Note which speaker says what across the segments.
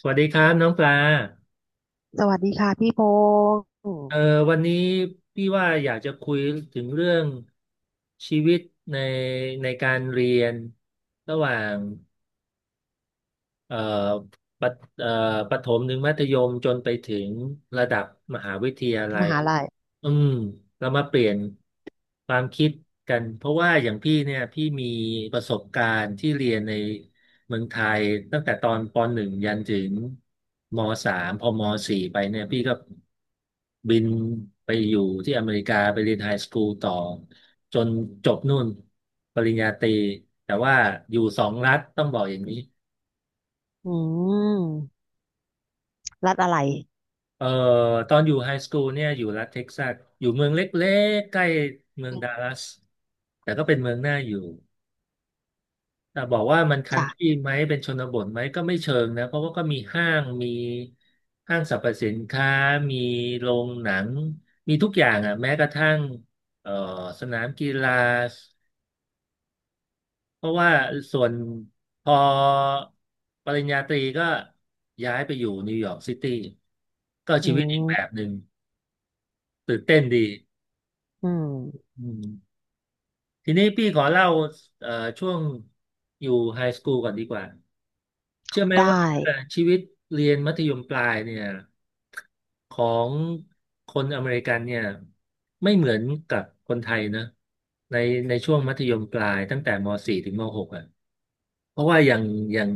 Speaker 1: สวัสดีครับน้องปลา
Speaker 2: สวัสดีค่ะพี่พงศ์
Speaker 1: เอ่อวันนี้พี่ว่าอยากจะคุยถึงเรื่องชีวิตในในการเรียนระหว่าง เอ่อปะเอ่อประถมถึงมัธยมจนไปถึงระดับมหาวิทยาลั
Speaker 2: ม
Speaker 1: ย
Speaker 2: หาลัย
Speaker 1: อืมเรามาเปลี่ยนความคิดกัน เพราะว่าอย่างพี่เนี่ยพี่มีประสบการณ์ที่เรียนในเมืองไทยตั้งแต่ตอนปหนึ่งยันถึงมสามพอมสี่ไปเนี่ยพี่ก็บินไปอยู่ที่อเมริกาไปเรียนไฮสคูลต่อจนจบนู่นปริญญาตรีแต่ว่าอยู่สองรัฐต้องบอกอย่างนี้
Speaker 2: อืมรัฐอะไร
Speaker 1: เอ่อตอนอยู่ไฮสคูลเนี่ยอยู่รัฐเท็กซัสอยู่เมืองเล็กๆใกล้เมือง
Speaker 2: อื
Speaker 1: ดัล
Speaker 2: ม
Speaker 1: ลัสแต่ก็เป็นเมืองน่าอยู่แต่บอกว่ามันคัน
Speaker 2: จ้ะ
Speaker 1: ทรีไหมเป็นชนบทไหมก็ไม่เชิงนะเพราะว่าก็มีห้างมีห้างสรรพสินค้ามีโรงหนังมีทุกอย่างอ่ะแม้กระทั่งเอ่อสนามกีฬาเพราะว่าส่วนพอปริญญาตรีก็ย้ายไปอยู่นิวยอร์กซิตี้ก็
Speaker 2: อื
Speaker 1: ชีวิตอีกแบบ
Speaker 2: ม
Speaker 1: หนึ่งตื่นเต้นดี
Speaker 2: อืม
Speaker 1: อืม ทีนี้พี่ขอเล่าเอ่อช่วงอยู่ไฮสคูลก่อนดีกว่าเชื่อไหม
Speaker 2: ได้
Speaker 1: ว่าชีวิตเรียนมัธยมปลายเนี่ยของคนอเมริกันเนี่ยไม่เหมือนกับคนไทยนะในช่วงมัธยมปลายตั้งแต่ม .4 ถึงม .6 อ่ะเพราะว่าอย่างอย่าง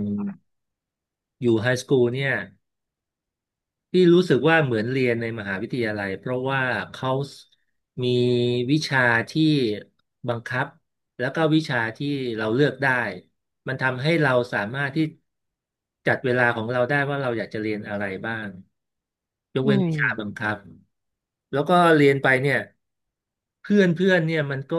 Speaker 1: อยู่ไฮสคูลเนี่ย ที่รู้สึกว่าเหมือนเรียนในมหาวิทยาลัยเพราะว่าเขามีวิชาที่บังคับแล้วก็วิชาที่เราเลือกได้มันทำให้เราสามารถที่จัดเวลาของเราได้ว่าเราอยากจะเรียนอะไรบ้าง ยก
Speaker 2: อื
Speaker 1: เว้นวิชาบาง
Speaker 2: ม
Speaker 1: คำแล้วก็เรียนไปเนี่ยเพื่อนเพื่อนเนี่ยมันก็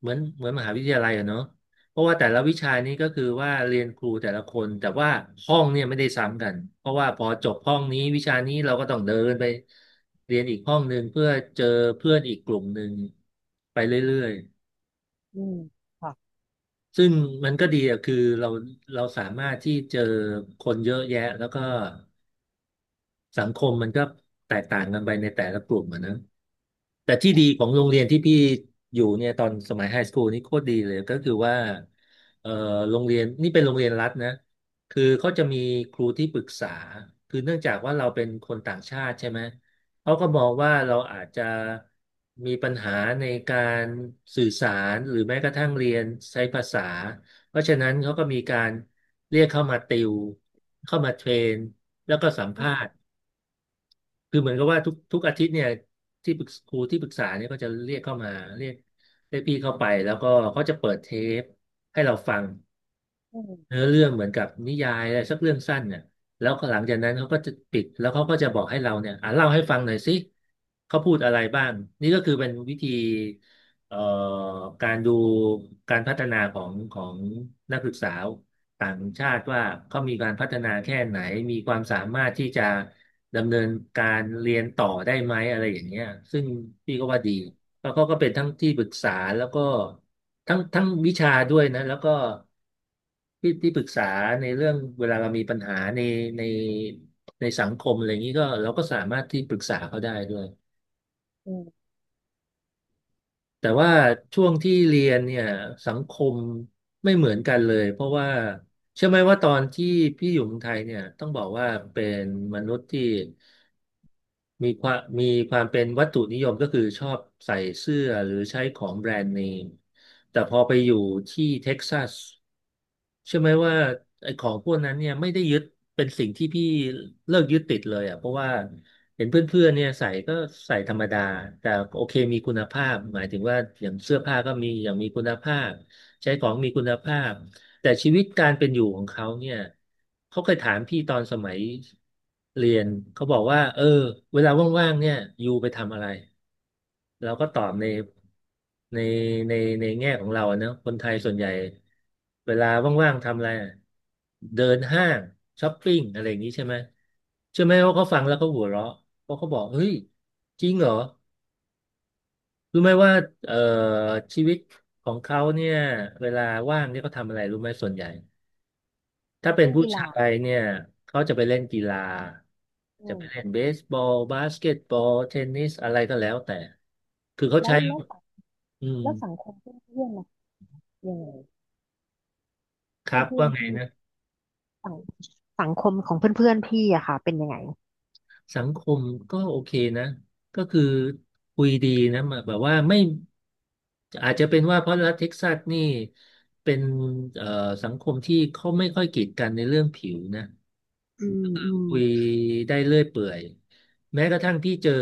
Speaker 1: เหมือนเหมือนมหาวิทยาลัยอะเนาะเพราะว่าแต่ละวิชานี้ก็คือว่าเรียนครูแต่ละคนแต่ว่าห้องเนี่ยไม่ได้ซ้ำกันเพราะว่าพอจบห้องนี้วิชานี้เราก็ต้องเดินไปเรียนอีกห้องหนึ่งเพื่อเจอเพื่อนอีกกลุ่มหนึ่งไปเรื่อย
Speaker 2: อืมค่ะ
Speaker 1: ๆซึ่งมันก็ดีอะคือเราสามารถที่เจอคนเยอะแยะแล้วก็ สังคมมันก็แตกต่างกันไปในแต่ละกลุ่มอะนะแต่ที่ดีของโรงเรียนที่พี่อยู่เนี่ยตอนสมัยไฮสคูลนี่โคตรดีเลยก็คือว่าเอ่อโรงเรียนนี่เป็นโรงเรียนรัฐนะคือเขาจะมีครูที่ปรึกษาคือเนื่องจากว่าเราเป็นคนต่างชาติใช่ไหมเขาก็มองว่าเราอาจจะมีปัญหาในการสื่อสารหรือแม้กระทั่งเรียนใช้ภาษาเพราะฉะนั้นเขาก็มีการเรียกเข้ามาติวเข้ามาเทรนแล้วก็สัมภาษณ์ คือเหมือนกับว่าทุกทุกอาทิตย์เนี่ยที่ปรึกครูที่ปรึกษาเนี่ยก็จะเรียกเข้ามาเรียกเรียกพี่เข้าไปแล้วก็เขาจะเปิดเทปให้เราฟัง
Speaker 2: อื
Speaker 1: เนื้
Speaker 2: ม
Speaker 1: อเรื่องเหมือนกับนิยายอะไรสักเรื่องสั้นเนี่ยแล้วหลังจากนั้นเขาก็จะปิดแล้วเขาก็จะบอกให้เราเนี่ยอ่ะเล่าให้ฟังหน่อยสิเขาพูดอะไรบ้างนี่ก็คือเป็นวิธีเอ่อการดูการพัฒนาของของนักศึกษา ต่างชาติว่าเขามีการพัฒนาแค่ไหน มีความสามารถที่จะดำเนินการเรียนต่อได้ไหมอะไรอย่างเงี้ยซึ่งพี่ก็ว่าดีแล้วเขาก็เป็นทั้งที่ปรึกษาแล้วก็ทั้งวิชาด้วยนะแล้วก็ที่ที่ปรึกษาในเรื่องเวลาเรามีปัญหาในในในสังคมอะไรอย่างนี้ก็เราก็สามารถที่ปรึกษาเขาได้ด้วย
Speaker 2: อืม
Speaker 1: แต่ว่าช่วงที่เรียนเนี่ยสังคมไม่เหมือนกันเลยเพราะว่าเชื่อไหมว่าตอนที่พี่อยู่เมืองไทยเนี่ยต้องบอกว่าเป็นมนุษย์ที่มีความมีความเป็นวัตถุนิยมก็คือชอบใส่เสื้อหรือใช้ของแบรนด์เนมแต่พอไปอยู่ที่เท็กซัส ใช่ไหมว่าไอ้ของพวกนั้นเนี่ยไม่ได้ยึดเป็นสิ่งที่พี่เลิกยึดติดเลยอ่ะเพราะว่าเห็นเพื่อนๆเนี่ยใส่ก็ใส่ธรรมดาแต่โอเคมีคุณภาพหมายถึงว่าอย่างเสื้อผ้าก็มีอย่างมีคุณภาพใช้ของมีคุณภาพแต่ชีวิตการเป็นอยู่ของเขาเนี่ยเขาเคยถามพี่ตอนสมัยเรียนเขาบอกว่าเออเวลาว่างๆเนี่ยอยู่ไปทำอะไร เราก็ตอบในในในแง่ของเราอะเนอะคนไทยส่วนใหญ่เวลาว่างๆทำอะไรอะเดินห้างช้อปปิ้งอะไรอย่างนี้ใช่ไหมใช่อไหมว่าเขาฟังแล้วเขาหัวเราะเพราะเขาบอกเฮ้ยจริงเหรอรู้ไหมว่าเอ่อชีวิตของเขาเนี่ยเวลาว่างเนี่ยเขาทำอะไรรู้ไหมส่วนใหญ่ถ้าเป็น
Speaker 2: เรื่อง
Speaker 1: ผู้
Speaker 2: กี
Speaker 1: ชา
Speaker 2: ฬา
Speaker 1: ยเนี่ยเขาจะไปเล่นกีฬา
Speaker 2: อื
Speaker 1: จะไป
Speaker 2: ม
Speaker 1: เล่นเบสบอลบาสเกตบอลเทนนิสอะไรก็แล้วแต่คือเขา
Speaker 2: แล้
Speaker 1: ใช้
Speaker 2: วแล้วสัง
Speaker 1: อืม
Speaker 2: แล้วสังคมเพื่อนเพื่อนล่ะยังไง
Speaker 1: ค
Speaker 2: เพื่
Speaker 1: รั
Speaker 2: อน
Speaker 1: บ
Speaker 2: เพื่อ
Speaker 1: ว่า
Speaker 2: น
Speaker 1: ไง
Speaker 2: พี่
Speaker 1: นะ
Speaker 2: สังสังคมของเพื่อนๆพอนพี่อะค่ะเป็นยังไง
Speaker 1: สังคมก็โอเคนะก็คือคุยดีนะแบบว่าไม่อาจจะเป็นว่าเพราะรัฐเท็กซัสนี่เป็นเอ่อสังคมที่เขาไม่ค่อยกีดกันในเรื่องผิวนะ
Speaker 2: อืมอืม
Speaker 1: คุยได้เรื่อยเปื่อยแม้กระทั่งพี่เจอ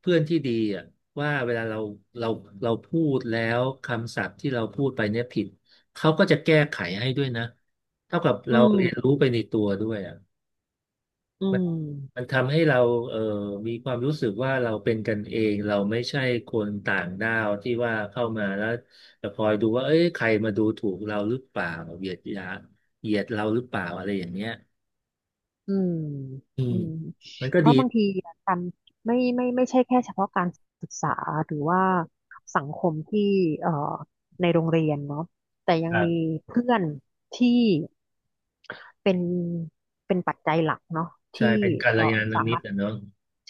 Speaker 1: เพื่อนที่ดีอ่ะว่าเวลาเราเราพูดแล้วคำศัพท์ที่เราพูดไปเนี่ยผิดเขาก็จะแก้ไขให้ด้วยนะเท่ากับ
Speaker 2: อื
Speaker 1: เราเรียน
Speaker 2: ม
Speaker 1: รู้ไปในตัวด้วย
Speaker 2: อื
Speaker 1: มัน
Speaker 2: ม
Speaker 1: ทำให้เราเอ่อมีความรู้สึกว่าเราเป็นกันเองเราไม่ใช่คนต่างด้าวที่ว่าเข้ามาแล้วจะคอยดูว่าเอ้ยใครมาดูถูกเราหรือเปล่าเหยียดยาเหยียดเราหรือเปล่าอะไรอย่างเงี้ย
Speaker 2: อืม
Speaker 1: อื
Speaker 2: อื
Speaker 1: ม
Speaker 2: ม
Speaker 1: มันก็
Speaker 2: เพ
Speaker 1: ดี
Speaker 2: ราะบางทีการไม่ใช่แค่เฉพาะการศึกษาหรือว่าสังคมที่เอ่อในโรงเรียนเนาะแต่ยัง
Speaker 1: ครั
Speaker 2: มี
Speaker 1: บ
Speaker 2: เพื่อนที่เป็นเป็นปัจจัยหลักเนาะ
Speaker 1: ใช่
Speaker 2: ที่
Speaker 1: เป็นกัล
Speaker 2: เอ่อ
Speaker 1: ยาณ
Speaker 2: สา
Speaker 1: มิต
Speaker 2: มาร
Speaker 1: ร
Speaker 2: ถ
Speaker 1: นะเนาะ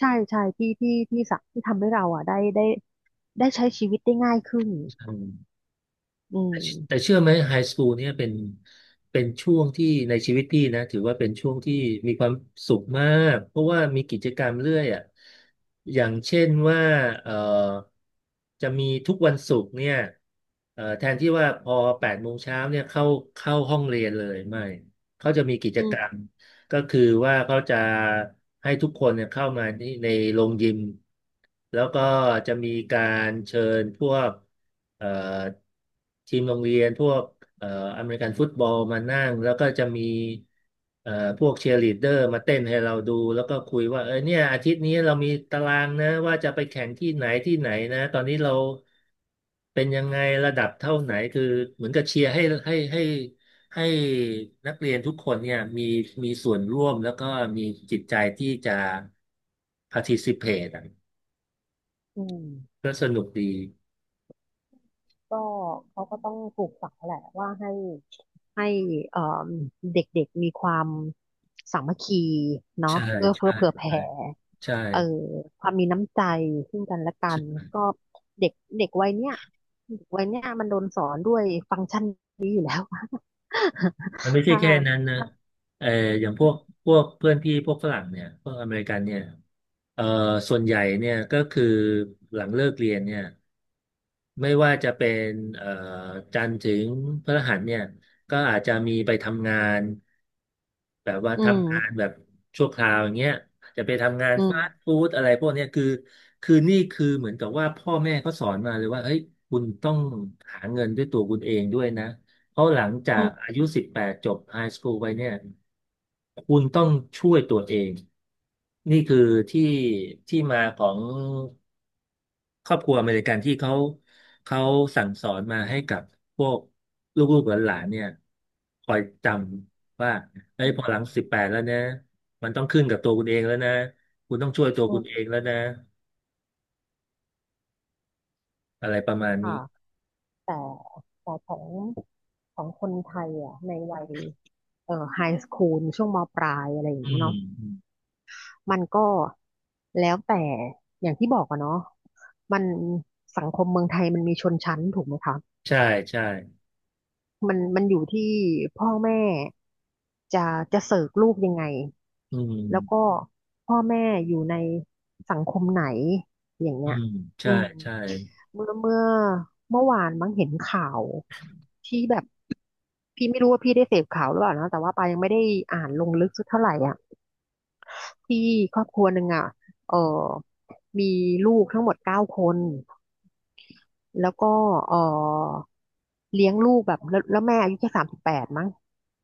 Speaker 2: ใช่ใช่ที่สักที่ทำให้เราอ่ะได้ใช้ชีวิตได้ง่ายขึ้น
Speaker 1: อืม
Speaker 2: อื
Speaker 1: แต่แต่
Speaker 2: ม
Speaker 1: เชื่อไหมไฮสคูลเนี่ยเป็นช่วงที่ในชีวิตพี่นะถือว่าเป็นช่วงที่มีความสุขมากเพราะว่ามีกิจกรรมเรื่อยอ่ะอย่างเช่นว่าเอ่อจะมีทุกวันศุกร์เนี่ยแทนที่ว่าพอ8 โมงเช้าเนี่ยเข้าห้องเรียนเลยไม่เขาจะมีกิจ
Speaker 2: อื
Speaker 1: กรรม
Speaker 2: ม
Speaker 1: ก็คือว่าเขาจะให้ทุกคนเนี่ยเข้ามาที่ในโรงยิมแล้วก็จะมีการเชิญพวกเอ่อทีมโรงเรียนพวกเอ่ออเมริกันฟุตบอลมานั่งแล้วก็จะมีเอ่อพวกเชียร์ลีดเดอร์มาเต้นให้เราดูแล้วก็คุยว่าเนี่ยอาทิตย์นี้เรามีตารางนะว่าจะไปแข่งที่ไหนที่ไหนนะตอนนี้เรา เป็นยังไงระดับเท่าไหนคือเหมือนกับเชียร์ให้ให้ให้นักเรียนทุกคนเนี่ยมีส่วนร่วมแล้วก็มีจิตใจที่จะ participate อะ
Speaker 2: อืม
Speaker 1: ก็สนุกดี
Speaker 2: ก็เขาก็ต้องปลูกฝังแหละว่าให้เอ่เด็กๆมีความสามัคคีเนาะ
Speaker 1: ใช่
Speaker 2: เอื้อเฟื้อ
Speaker 1: ใช่
Speaker 2: เผื่อแผ่
Speaker 1: ใช่
Speaker 2: เอ่อความมีน้ำใจซึ่งกันและกันก็เด็กเด็กวัยเนี้ยเด็กวัยเนี้ยมันโดนสอนด้วยฟังก์ชันนี้อยู่แล้ว
Speaker 1: มันไม่ ใช่
Speaker 2: ถ้า
Speaker 1: แค่นั้นนะ
Speaker 2: ถ้า
Speaker 1: เอออย่างพวกเพื่อนพี่พวกฝรั่งเนี่ยพวกอเมริกันเนี่ยเออส่วนใหญ่เนี่ยก็คือหลังเลิกเรียนเนี่ย ไม่ว่าจะเป็นเอ่อจันทร์ถึงพฤหัสเนี่ยก็อาจจะมีไปทำงานแบบว่า
Speaker 2: อืม
Speaker 1: ทำงานแบบชั่วคราวอย่างเงี้ยอาจจะไปทำงาน
Speaker 2: อื
Speaker 1: ฟาสต์
Speaker 2: ม
Speaker 1: ฟู้ดอะไรพวกเนี้ยคือนี่คือเหมือนกับว่าพ่อแม่เขาสอนมาเลยว่าเฮ้ยคุณต้องหาเงินด้วยตัวคุณเองด้วยนะ เพราะหลังจา
Speaker 2: อื
Speaker 1: ก
Speaker 2: ม
Speaker 1: อายุ18จบไฮสคูลไปเนี่ยคุณต้องช่วยตัวเองนี่คือที่ที่มาของครอบครัวอเมริกันที่เขาสั่งสอนมาให้กับพวกลูกๆหลานๆเนี่ยคอยจำว่าเอ้
Speaker 2: อื
Speaker 1: ยพอหลัง
Speaker 2: ม
Speaker 1: สิบแปดแล้วนะมันต้องขึ้นกับตัวคุณเองแล้วนะคุณต้องช่วยตัว
Speaker 2: อื
Speaker 1: คุณ
Speaker 2: ม
Speaker 1: เองแล้วนะอะไรประมาณนี้
Speaker 2: ค่ะแต่แต่ของคนไทยอ่ะในวัยไฮสคูลช่วงมปลายอะไรอย่าง
Speaker 1: อื
Speaker 2: เงี้ยเนาะ
Speaker 1: ม
Speaker 2: มันก็แล้วแต่อย่างที่บอกอะเนาะมันสังคมเมืองไทยมันมีชนชั้นถูกไหมคะ
Speaker 1: ใช่ใช่
Speaker 2: มันอยู่ที่พ่อแม่จะจะเสิร์ฟลูกยังไง
Speaker 1: อื
Speaker 2: แล้วก็
Speaker 1: ม
Speaker 2: พ่อแม่อยู่ในสังคมไหนอย่าง
Speaker 1: อื
Speaker 2: เงี้ย
Speaker 1: ม
Speaker 2: อื
Speaker 1: ใช่
Speaker 2: ม
Speaker 1: ใช่
Speaker 2: เมื่อเมื่อเมื่อวานมั้งเห็นข่าวที่แบบพี่ไม่รู้ว่าพี่ได้เสพข่าวหรือเปล่านะแต่ว่าปายังไม่ได้อ่านลงลึกสักเท่าไหร่อ่ะ ที่ครอบครัวหนึ่งอ่ะเออมีลูกทั้งหมดเก้าคน แล้วก็เออเลี้ยงลูกแบบแล้วแม่อายุแค่38มั้ง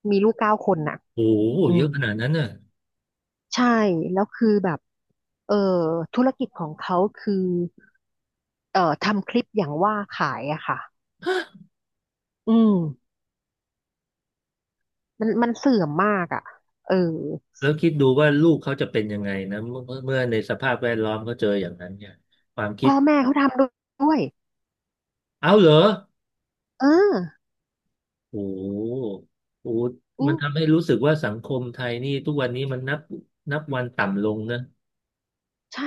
Speaker 2: มีลูกเก้าคนน่ะ
Speaker 1: โอ้โห
Speaker 2: อื
Speaker 1: เย
Speaker 2: ม
Speaker 1: อะขนาดนั้นน่ะ
Speaker 2: ใช่ แล้วคือแบบเออธุรกิจของเขาคือทำคลิปอย่างว่าขายอะค่ะอืมมันเสื่อมมากอะเออ
Speaker 1: แล้วคิดดูว่าลูกเขาจะเป็นยังไงนะเมื่อในสภาพแวดล้อมเขาเจออย่างนั้นเนี่ยความคิด
Speaker 2: พ่อแม่เขาทำด้วย
Speaker 1: เอาเหรอ
Speaker 2: เออ
Speaker 1: โอ้โหโอ้โห
Speaker 2: อื
Speaker 1: มันทำ
Speaker 2: ม
Speaker 1: ให้รู้สึกว่าสังคมไทยนี่ทุกวันนี้มันนับวันต่ำลงนะ
Speaker 2: ใช่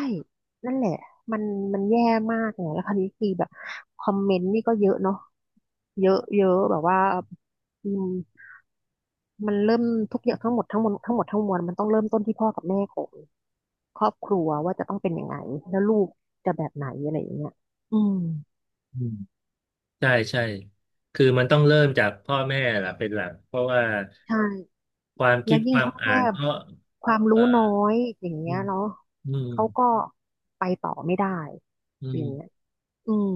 Speaker 2: นั่นแหละ มันมันแย่มากเนี่ยแล้วคราวนี้คือแบบคอมเมนต์นี่ก็เยอะเนาะเยอะเยอะแบบว่าอืมมันเริ่มทุกอย่างทั้งหมดทั้งมวลทั้งหมดทั้งมวลมันต้องเริ่มต้นที่พ่อกับแม่ของครอบครัวว่าจะต้องเป็นยังไงแล้วลูกจะแบบไหนอะไรอย่างเงี้ยอืม
Speaker 1: อืมใช่ใช่คือมันต้องเริ่มจากพ่อแม่ล่ะเป็นหลักเพราะว่า
Speaker 2: ใช่
Speaker 1: ความ
Speaker 2: แล้
Speaker 1: คิ
Speaker 2: ว
Speaker 1: ด
Speaker 2: ยิ่
Speaker 1: ค
Speaker 2: ง
Speaker 1: วาม
Speaker 2: พ่อ
Speaker 1: อ่า
Speaker 2: แม่
Speaker 1: นก็
Speaker 2: ความรู้
Speaker 1: เอ่
Speaker 2: น้
Speaker 1: อ
Speaker 2: อยอย่าง
Speaker 1: อื
Speaker 2: เงี้ย
Speaker 1: ม
Speaker 2: เนาะ
Speaker 1: อืม
Speaker 2: เขาก็ไปต่อไม่ได้
Speaker 1: อื
Speaker 2: อย่างเงี้ย
Speaker 1: ม
Speaker 2: อืม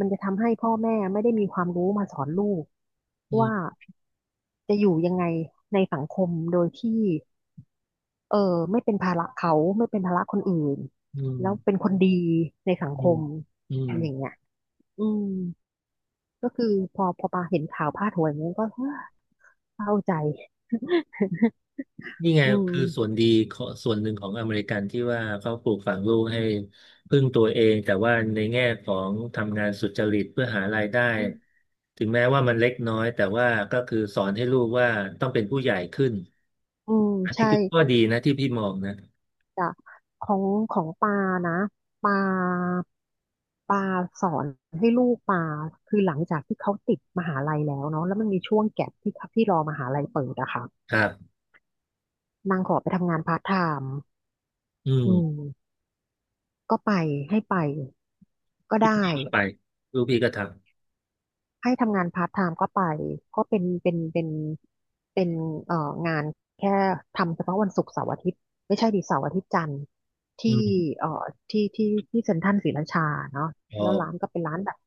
Speaker 2: มันจะทำให้พ่อแม่ไม่ได้มีความรู้มาสอนลูก
Speaker 1: อื
Speaker 2: ว่า
Speaker 1: ม
Speaker 2: จะอยู่ยังไงในสังคมโดยที่เออไม่เป็นภาระเขาไม่เป็นภาระคนอื่น
Speaker 1: อื
Speaker 2: แล้วเป็
Speaker 1: ม
Speaker 2: นคนดีในสังค
Speaker 1: อืม
Speaker 2: ม
Speaker 1: อืม
Speaker 2: อย่างเงี้ยอืมก็คือพอปาเห็นข่าวพาดหัวอย่างเงี้ยก็เศร้าใจ
Speaker 1: นี่ไง
Speaker 2: อืม
Speaker 1: คือส่วนดีขอส่วนหนึ่งของอเมริกันที่ว่าเขาปลูกฝังลูกให้พึ่งตัวเองแต่ว่าในแง่ของทำงานสุจริตเพื่อหารายได้ ถึงแม้ว่ามันเล็กน้อยแต่ว่าก็คือสอนให้ลูกว่าต้องเป็นผู้ใหญ่ขึ้น
Speaker 2: อืม
Speaker 1: อันนี้
Speaker 2: ใช่
Speaker 1: คือข้อดีนะที่พี่มองนะ
Speaker 2: จ้ะของของปานะปาปาสอนให้ลูกปาคือหลังจากที่เขาติดมหาลัยแล้วเนาะแล้วมันมีช่วงแก็ปที่เขาที่รอมหาลัยเปิดอะค่ะ
Speaker 1: ครับ
Speaker 2: นางขอไปทำงานพาร์ทไทม์
Speaker 1: อื
Speaker 2: อืม
Speaker 1: ม
Speaker 2: ก็ไปให้ไปก็
Speaker 1: ลูก
Speaker 2: ได้
Speaker 1: พี่ก็ไปลูกพี่ก็ท
Speaker 2: ให้ทำงานพาร์ทไทม์ก็ไปก็เป็นเอ่องานแค่ทำเฉพาะวันศุกร์เสาร์อาทิตย์ไม่ใช่ดิเสาร์อาทิตย์จันทร์
Speaker 1: ำอื
Speaker 2: ที่
Speaker 1: ม
Speaker 2: เอ่อที่ที่ที่เซ็นทรัลศรีราชาเนาะ
Speaker 1: อ๋อ
Speaker 2: แล้วร้านก็เป็นร้านแบบ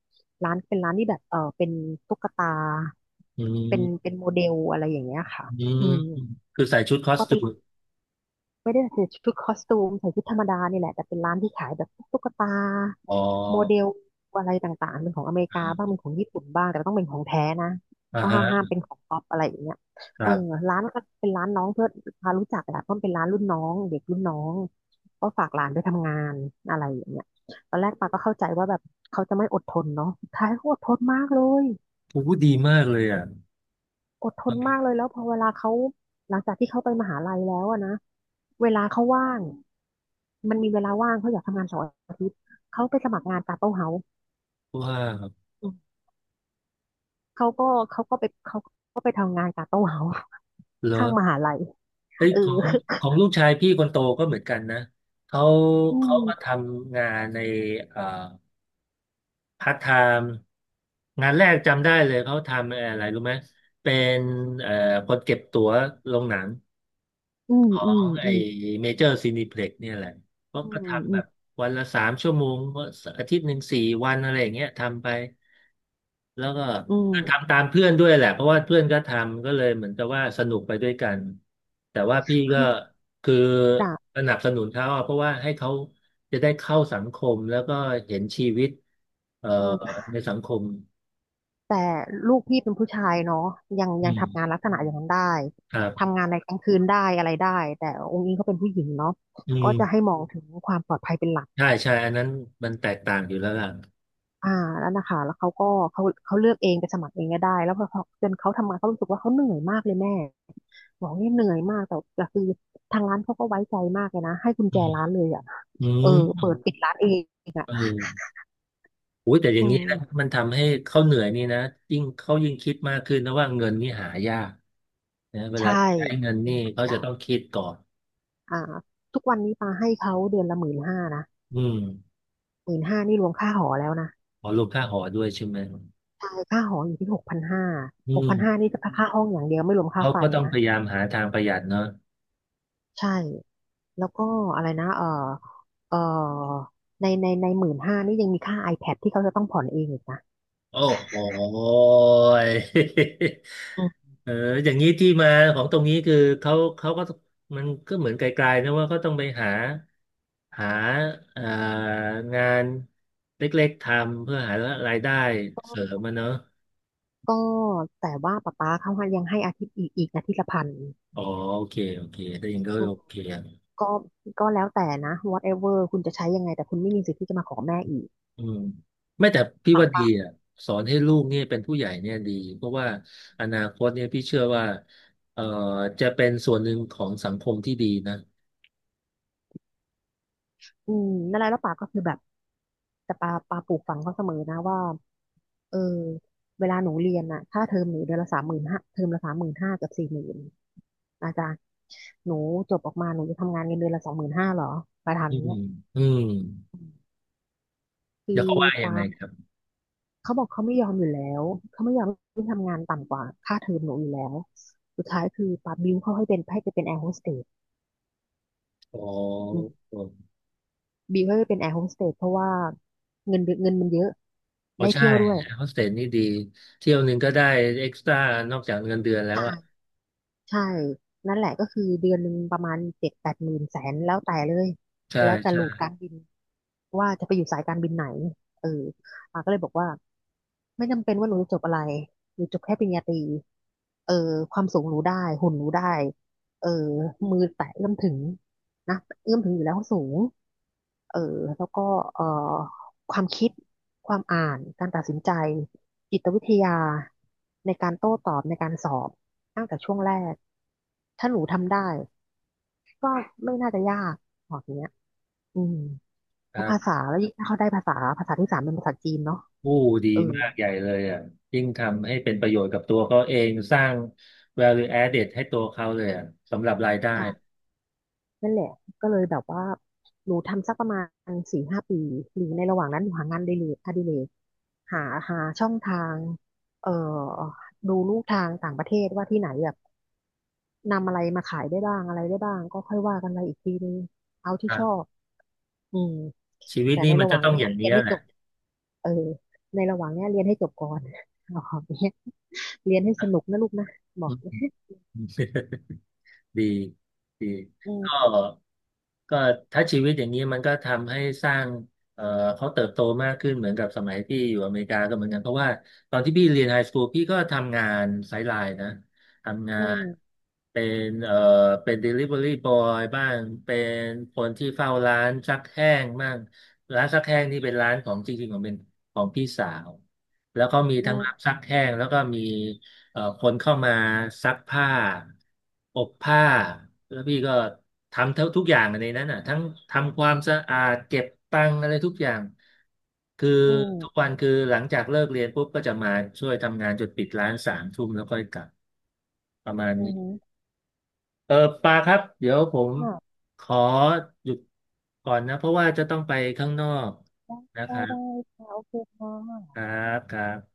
Speaker 2: ร้านเป็นร้านที่แบบเป็นตุ๊กตา
Speaker 1: อื
Speaker 2: เป็
Speaker 1: ม
Speaker 2: นเป็นโมเดลอะไรอย่างเงี้ยค่ะ
Speaker 1: อืม
Speaker 2: อืม
Speaker 1: คือใส่ชุดคอส
Speaker 2: ก็
Speaker 1: ตู
Speaker 2: เป็นร้า
Speaker 1: ม
Speaker 2: น ไม่ได้ใส่ชุดคอสตูมใส่ชุดธรรมดานี่แหละแต่เป็นร้านที่ขายแบบพวกตุ๊กตา
Speaker 1: อ๋อ
Speaker 2: โมเดลอะไรต่างๆเป็นของอเมริกาบ้างเป็นของญี่ปุ่นบ้างแต่ต้องเป็นของแท้นะ
Speaker 1: อ่า
Speaker 2: ก็ห้ามห้าม
Speaker 1: ฮะ
Speaker 2: เป็นของป๊อปอะไรอย่างเงี้ย
Speaker 1: ค
Speaker 2: เอ
Speaker 1: รั
Speaker 2: อ
Speaker 1: บ
Speaker 2: ร้านก็เป็นร้านน้องเพื่อนพารู้จักแหละเพราะมันเป็นร้านรุ่นน้องเด็กรุ่นน้องก็ฝากหลานไปทำงานอะไรอย่างเงี้ยตอนแรกปาก็เข้าใจว่าแบบเขาจะไม่อดทนเนาะสุดท้ายเขาอดทนมากเลย
Speaker 1: โอ้โหดีมากเลยอ่ะ
Speaker 2: อดทนมากเลยแล้วพอเวลาเขาหลังจากที่เขาไปมหาลัยแล้วอะนะเวลาเขาว่างมันมีเวลาว่างเขาอยากทำงานเสาร์อาทิตย์เขาไปสมัครงานกาโต้เฮาส์
Speaker 1: ว้าว
Speaker 2: อืมเขาก็เขาก็ไปทำงานกาโต้เฮาส์
Speaker 1: เหรอ
Speaker 2: ข้างมหาลัย
Speaker 1: เอ้ย
Speaker 2: เออ
Speaker 1: ของลูกชายพี่คนโตก็เหมือนกันนะ เขา
Speaker 2: อื
Speaker 1: เขามาท
Speaker 2: ม
Speaker 1: ำงานในเอ่อพาร์ทไทม์งานแรกจำได้เลยเขาทำอะไรรู้ไหม เป็นเอ่อคนเก็บตั๋วโรงหนัง
Speaker 2: อืม
Speaker 1: ขอ
Speaker 2: อืม
Speaker 1: งอไอ
Speaker 2: อืม
Speaker 1: เมเจอร์ซีนิเพล็กเนี่ยแหละก็
Speaker 2: อื
Speaker 1: ก็
Speaker 2: ม
Speaker 1: ทำ
Speaker 2: อื
Speaker 1: แบบวันละ3 ชั่วโมงอาทิตย์หนึ่ง4 วันอะไรอย่างเงี้ยทำไป แล้วก็
Speaker 2: ม
Speaker 1: ทำตามเพื่อนด้วยแหละเพราะว่าเพื่อนก็ทำก็เลยเหมือนกับว่าสนุกไปด้วยกัน แต่
Speaker 2: อืม
Speaker 1: ว่าพี่ก็
Speaker 2: คือ
Speaker 1: คือ
Speaker 2: จาก
Speaker 1: สนับสนุนเขาอะเพราะว่าให้เขาจะได้เข้าสังคมแล้วก็เห็นชีวิตเอ่อ
Speaker 2: อืม
Speaker 1: ในสังคม
Speaker 2: แต่ลูกพี่เป็นผู้ชายเนาะยัง
Speaker 1: อื
Speaker 2: ยัง
Speaker 1: ม
Speaker 2: ทำงานลักษณะอย่างนั้นได้
Speaker 1: ครับ
Speaker 2: ทำงานในกลางคืนได้อะไรได้แต่องค์อิงเขาเป็นผู้หญิงเนาะ
Speaker 1: อื
Speaker 2: ก็จะให้
Speaker 1: ม
Speaker 2: มองถึงความปลอดภัยเป็นหลัก
Speaker 1: ใช่ใช่อันนั้นมันแตกต่างอยู่แล้วล่ะ
Speaker 2: อ่าแล้วนะคะแล้วเขาก็เขาเลือกเองไปสมัครเองก็ได้แล้วพอเขาจนเขาทำงานเขารู้สึกว่าเขาเหนื่อยมากเลยแม่บอกเนี่ยเหนื่อยมากแต่คือทางร้านเขาก็ไว้ใจมากเลยนะให้กุญ
Speaker 1: อื
Speaker 2: แจ
Speaker 1: ม
Speaker 2: ร้านเลยอ่ะ
Speaker 1: อื
Speaker 2: เออเปิ
Speaker 1: ม
Speaker 2: ดปิดร้านเองอ่ะ
Speaker 1: เออ อุ้ยแต่อย่า
Speaker 2: อื
Speaker 1: งนี้นะ
Speaker 2: ม
Speaker 1: มันทำให้เขาเหนื่อยนี่นะยิ่งเขายิ่งคิดมากขึ้นนะว่าเงินนี่หายากนะเวลา
Speaker 2: ใช่
Speaker 1: ใช้เงิน
Speaker 2: เป็
Speaker 1: นี่
Speaker 2: นหัก
Speaker 1: เขาจะ
Speaker 2: ยาก
Speaker 1: ต้องคิดก่อน
Speaker 2: อ่าทุกวันนี้ปาให้เขาเดือนละหมื่นห้านะ
Speaker 1: อืม
Speaker 2: หมื่นห้านี่รวมค่าหอแล้วนะ
Speaker 1: ขอรวมค่าหอด้วยใช่ไหม
Speaker 2: ใช่ค่าหออยู่ที่หกพันห้า
Speaker 1: อื
Speaker 2: หกพั
Speaker 1: ม
Speaker 2: นห้านี่จะอค่าห้องอย่างเดียวไม่รวมค่า
Speaker 1: เขา
Speaker 2: ไฟ
Speaker 1: ก็ต้องพ
Speaker 2: นะ
Speaker 1: ยายามหาทางประหยัดเนาะ
Speaker 2: ใช่แล้วก็อะไรนะเออเออในหมื่นห้านี่ยังมีค่า iPad ที่เขาจะต้องผ่อนเองอีกนะ
Speaker 1: โอ้โหย
Speaker 2: อืม
Speaker 1: เอออย่างนี้ที่มาของตรงนี้คือเขาก็มันก็เหมือนไกลๆนะว่าเขาต้องไปหาหาเอ่องานเล็กๆทำเพื่อหารายได้เสริมมันเนาะ
Speaker 2: ก็แต่ว่าป๊าเขายังให้อาทิตย์อีกอาทิตย์ละ 1,000
Speaker 1: อ๋อโอเคโอเคได้ยินก็
Speaker 2: อืม
Speaker 1: โอเคอะ
Speaker 2: ก็ก็แล้วแต่นะ whatever คุณจะใช้ยังไงแต่คุณไม่มีสิทธิ์ที่จะมาขอแม่อีก
Speaker 1: อืมไม่แต่พี่
Speaker 2: ป๊า
Speaker 1: ว่าดี
Speaker 2: ป๊า
Speaker 1: อ่ะสอนให้ลูกเนี่ยเป็นผู้ใหญ่เนี่ยดีเพราะว่าอนาคตเนี่ยพี่เชื่อว่าเอ่อจะเป็นส่วนหนึ่งของสังคมที่ดีนะ
Speaker 2: อืมนั่นแหละแล้วป๊าก็คือแบบแต่ป๊าปลูกฝังเขาเสมอนะว่า เออเวลาหนูเรียนน่ะค่าเทอมหนูเดือนละสามหมื่นห้าเทอมละสามหมื่นห้ากับ40,000อาจารย์หนูจบออกมาหนูจะทำงานเงินเดือนละ25,000หรอมาถาม
Speaker 1: อื
Speaker 2: อย่าง
Speaker 1: ม
Speaker 2: เนี้ย
Speaker 1: อืม
Speaker 2: คื
Speaker 1: เดี๋ยว
Speaker 2: อ
Speaker 1: เขาว่ายัง
Speaker 2: ปา
Speaker 1: ไง
Speaker 2: ล์ม
Speaker 1: ครับ
Speaker 2: เขาบอกเขาไม่ยอมอยู่แล้วเขาไม่ยอมให้ทำงานต่ำกว่าค่าเทอมหนูอยู่แล้วสุดท้ายคือปาล์มบิวเขาให้เป็นให้ไปเป็นแอร์โฮสเตส
Speaker 1: อ๋อ
Speaker 2: อืม
Speaker 1: อ
Speaker 2: บิวให้ไปเป็นแอร์โฮสเตสเพราะว่าเงินเดือนเงินมันเยอะ
Speaker 1: ๋อ
Speaker 2: ได้
Speaker 1: ใช่
Speaker 2: เที่ยวด้วย
Speaker 1: โฮสเทลนี่ดีเที่ยวหนึ่งก็ได้เอ็กซ์ตร้านอกจากเงินเดือนแล้ว
Speaker 2: ใช่
Speaker 1: อ่ะ
Speaker 2: ใช่ นั่นแหละก็คือเดือนหนึ่งประมาณ70,000-80,000 ถึงแสนแล้วแต่เลย
Speaker 1: ใช่
Speaker 2: แล้วแต่โห
Speaker 1: ใช่
Speaker 2: ลูดการบิน ว่าจะไปอยู่สายการบินไหนเอออ่าก็เลยบอกว่าไม่จำเป็นว่าหนูจะจบอะไรหนูจบแค่ปริญญาตรีเออความสูงหนูได้ หุ่นหนูได้เออมือแตะเอื้อมถึงนะเอื้อมถึงอยู่แล้วสูงเออแล้วก็เอ่อความคิด ความอ่าน การตัดสินใจจิตวิทยาในการโต้ตอบในการสอบตั้งแต่ช่วงแรก ถ้าหนูทำได้ก็ไม่น่าจะยากบอกอย่างเงี้ยอืม
Speaker 1: ค
Speaker 2: แล้
Speaker 1: รั
Speaker 2: วภาษา
Speaker 1: บ
Speaker 2: แล้วยิ่งถ้าเขาได้ภาษาที่สามเป็นภาษาจีนเนาะ
Speaker 1: ผู้ดี
Speaker 2: เออ
Speaker 1: มากใหญ่เลยอ่ะยิ่งทำให้เป็นประโยชน์กับตัวเขาเองสร้าง value added ให้ตัวเขาเลยอ่ะสำหรับรายได้
Speaker 2: ใช่นั่นแหละก็เลยแบบว่าหนูทำสักประมาณ4-5 ปีหรือในระหว่างนั้นหนูหางานอดิเรกหาหาช่องทางเอ่อดูลูกทางต่างประเทศว่าที่ไหนแบบนำอะไรมาขายได้บ้างอะไรได้บ้างก็ค่อยว่ากันไปอีกทีนึงเอาที่
Speaker 1: ครั
Speaker 2: ชอบ
Speaker 1: บ
Speaker 2: อืม
Speaker 1: ชีวิต
Speaker 2: แต่
Speaker 1: นี่
Speaker 2: ใน
Speaker 1: มัน
Speaker 2: ระห
Speaker 1: จะ
Speaker 2: ว่าง
Speaker 1: ต้อง
Speaker 2: เนี้
Speaker 1: อ
Speaker 2: ย
Speaker 1: ย่าง
Speaker 2: เรี
Speaker 1: เนี้
Speaker 2: ยน
Speaker 1: ย
Speaker 2: ให้
Speaker 1: แห
Speaker 2: จ
Speaker 1: ละ
Speaker 2: บเออในระหว่างเนี้ยเรียนให้จบก่อน บอกเนี้ยเรียนให้สนุกนะลูกนะบอก
Speaker 1: ดีดี
Speaker 2: อื
Speaker 1: ก็
Speaker 2: ม
Speaker 1: ก็ถ้าชีวิตอย่างนี้มันก็ทำให้สร้างเอ่อเขาเติบโตมากขึ้นเหมือนกับสมัยที่อยู่อเมริกาก็เหมือนกันเพราะว่าตอนที่พี่เรียนไฮสคูลพี่ก็ทำงานไซด์ไลน์นะทำงา
Speaker 2: อื
Speaker 1: น
Speaker 2: ม
Speaker 1: เป็นเป็น delivery boy บ้างเป็นคนที่เฝ้าร้านซักแห้งบ้างร้านซักแห้งนี่เป็นร้านของจริงๆของเป็นของพี่สาวแล้วก็มี
Speaker 2: อื
Speaker 1: ทั้งรับ
Speaker 2: ม
Speaker 1: ซักแห้งแล้วก็มี คนเข้ามาซักผ้าอบผ้าแล้วพี่ก็ทำเท่าทุกอย่างในนั้นน่ะทั้งทำความสะอาดเก็บตังค์อะไรทุกอย่างคือ
Speaker 2: อื
Speaker 1: ทุกวั
Speaker 2: ม
Speaker 1: นคือหลังจากเลิกเรียนปุ๊บก็จะมาช่วยทำงานจนปิดร้านสามทุ่มแล้วค่อยกลับประมาณ
Speaker 2: อื
Speaker 1: นี้
Speaker 2: ม
Speaker 1: เออปาครับเดี๋ยวผม
Speaker 2: ค่ะ
Speaker 1: ขอหยุดก่อนนะเพราะว่าจะต้องไปข้างนอกนะค
Speaker 2: ได้
Speaker 1: รั
Speaker 2: ได้ได้
Speaker 1: บ
Speaker 2: ค่ะโอเคค่
Speaker 1: ค
Speaker 2: ะ
Speaker 1: รับครับ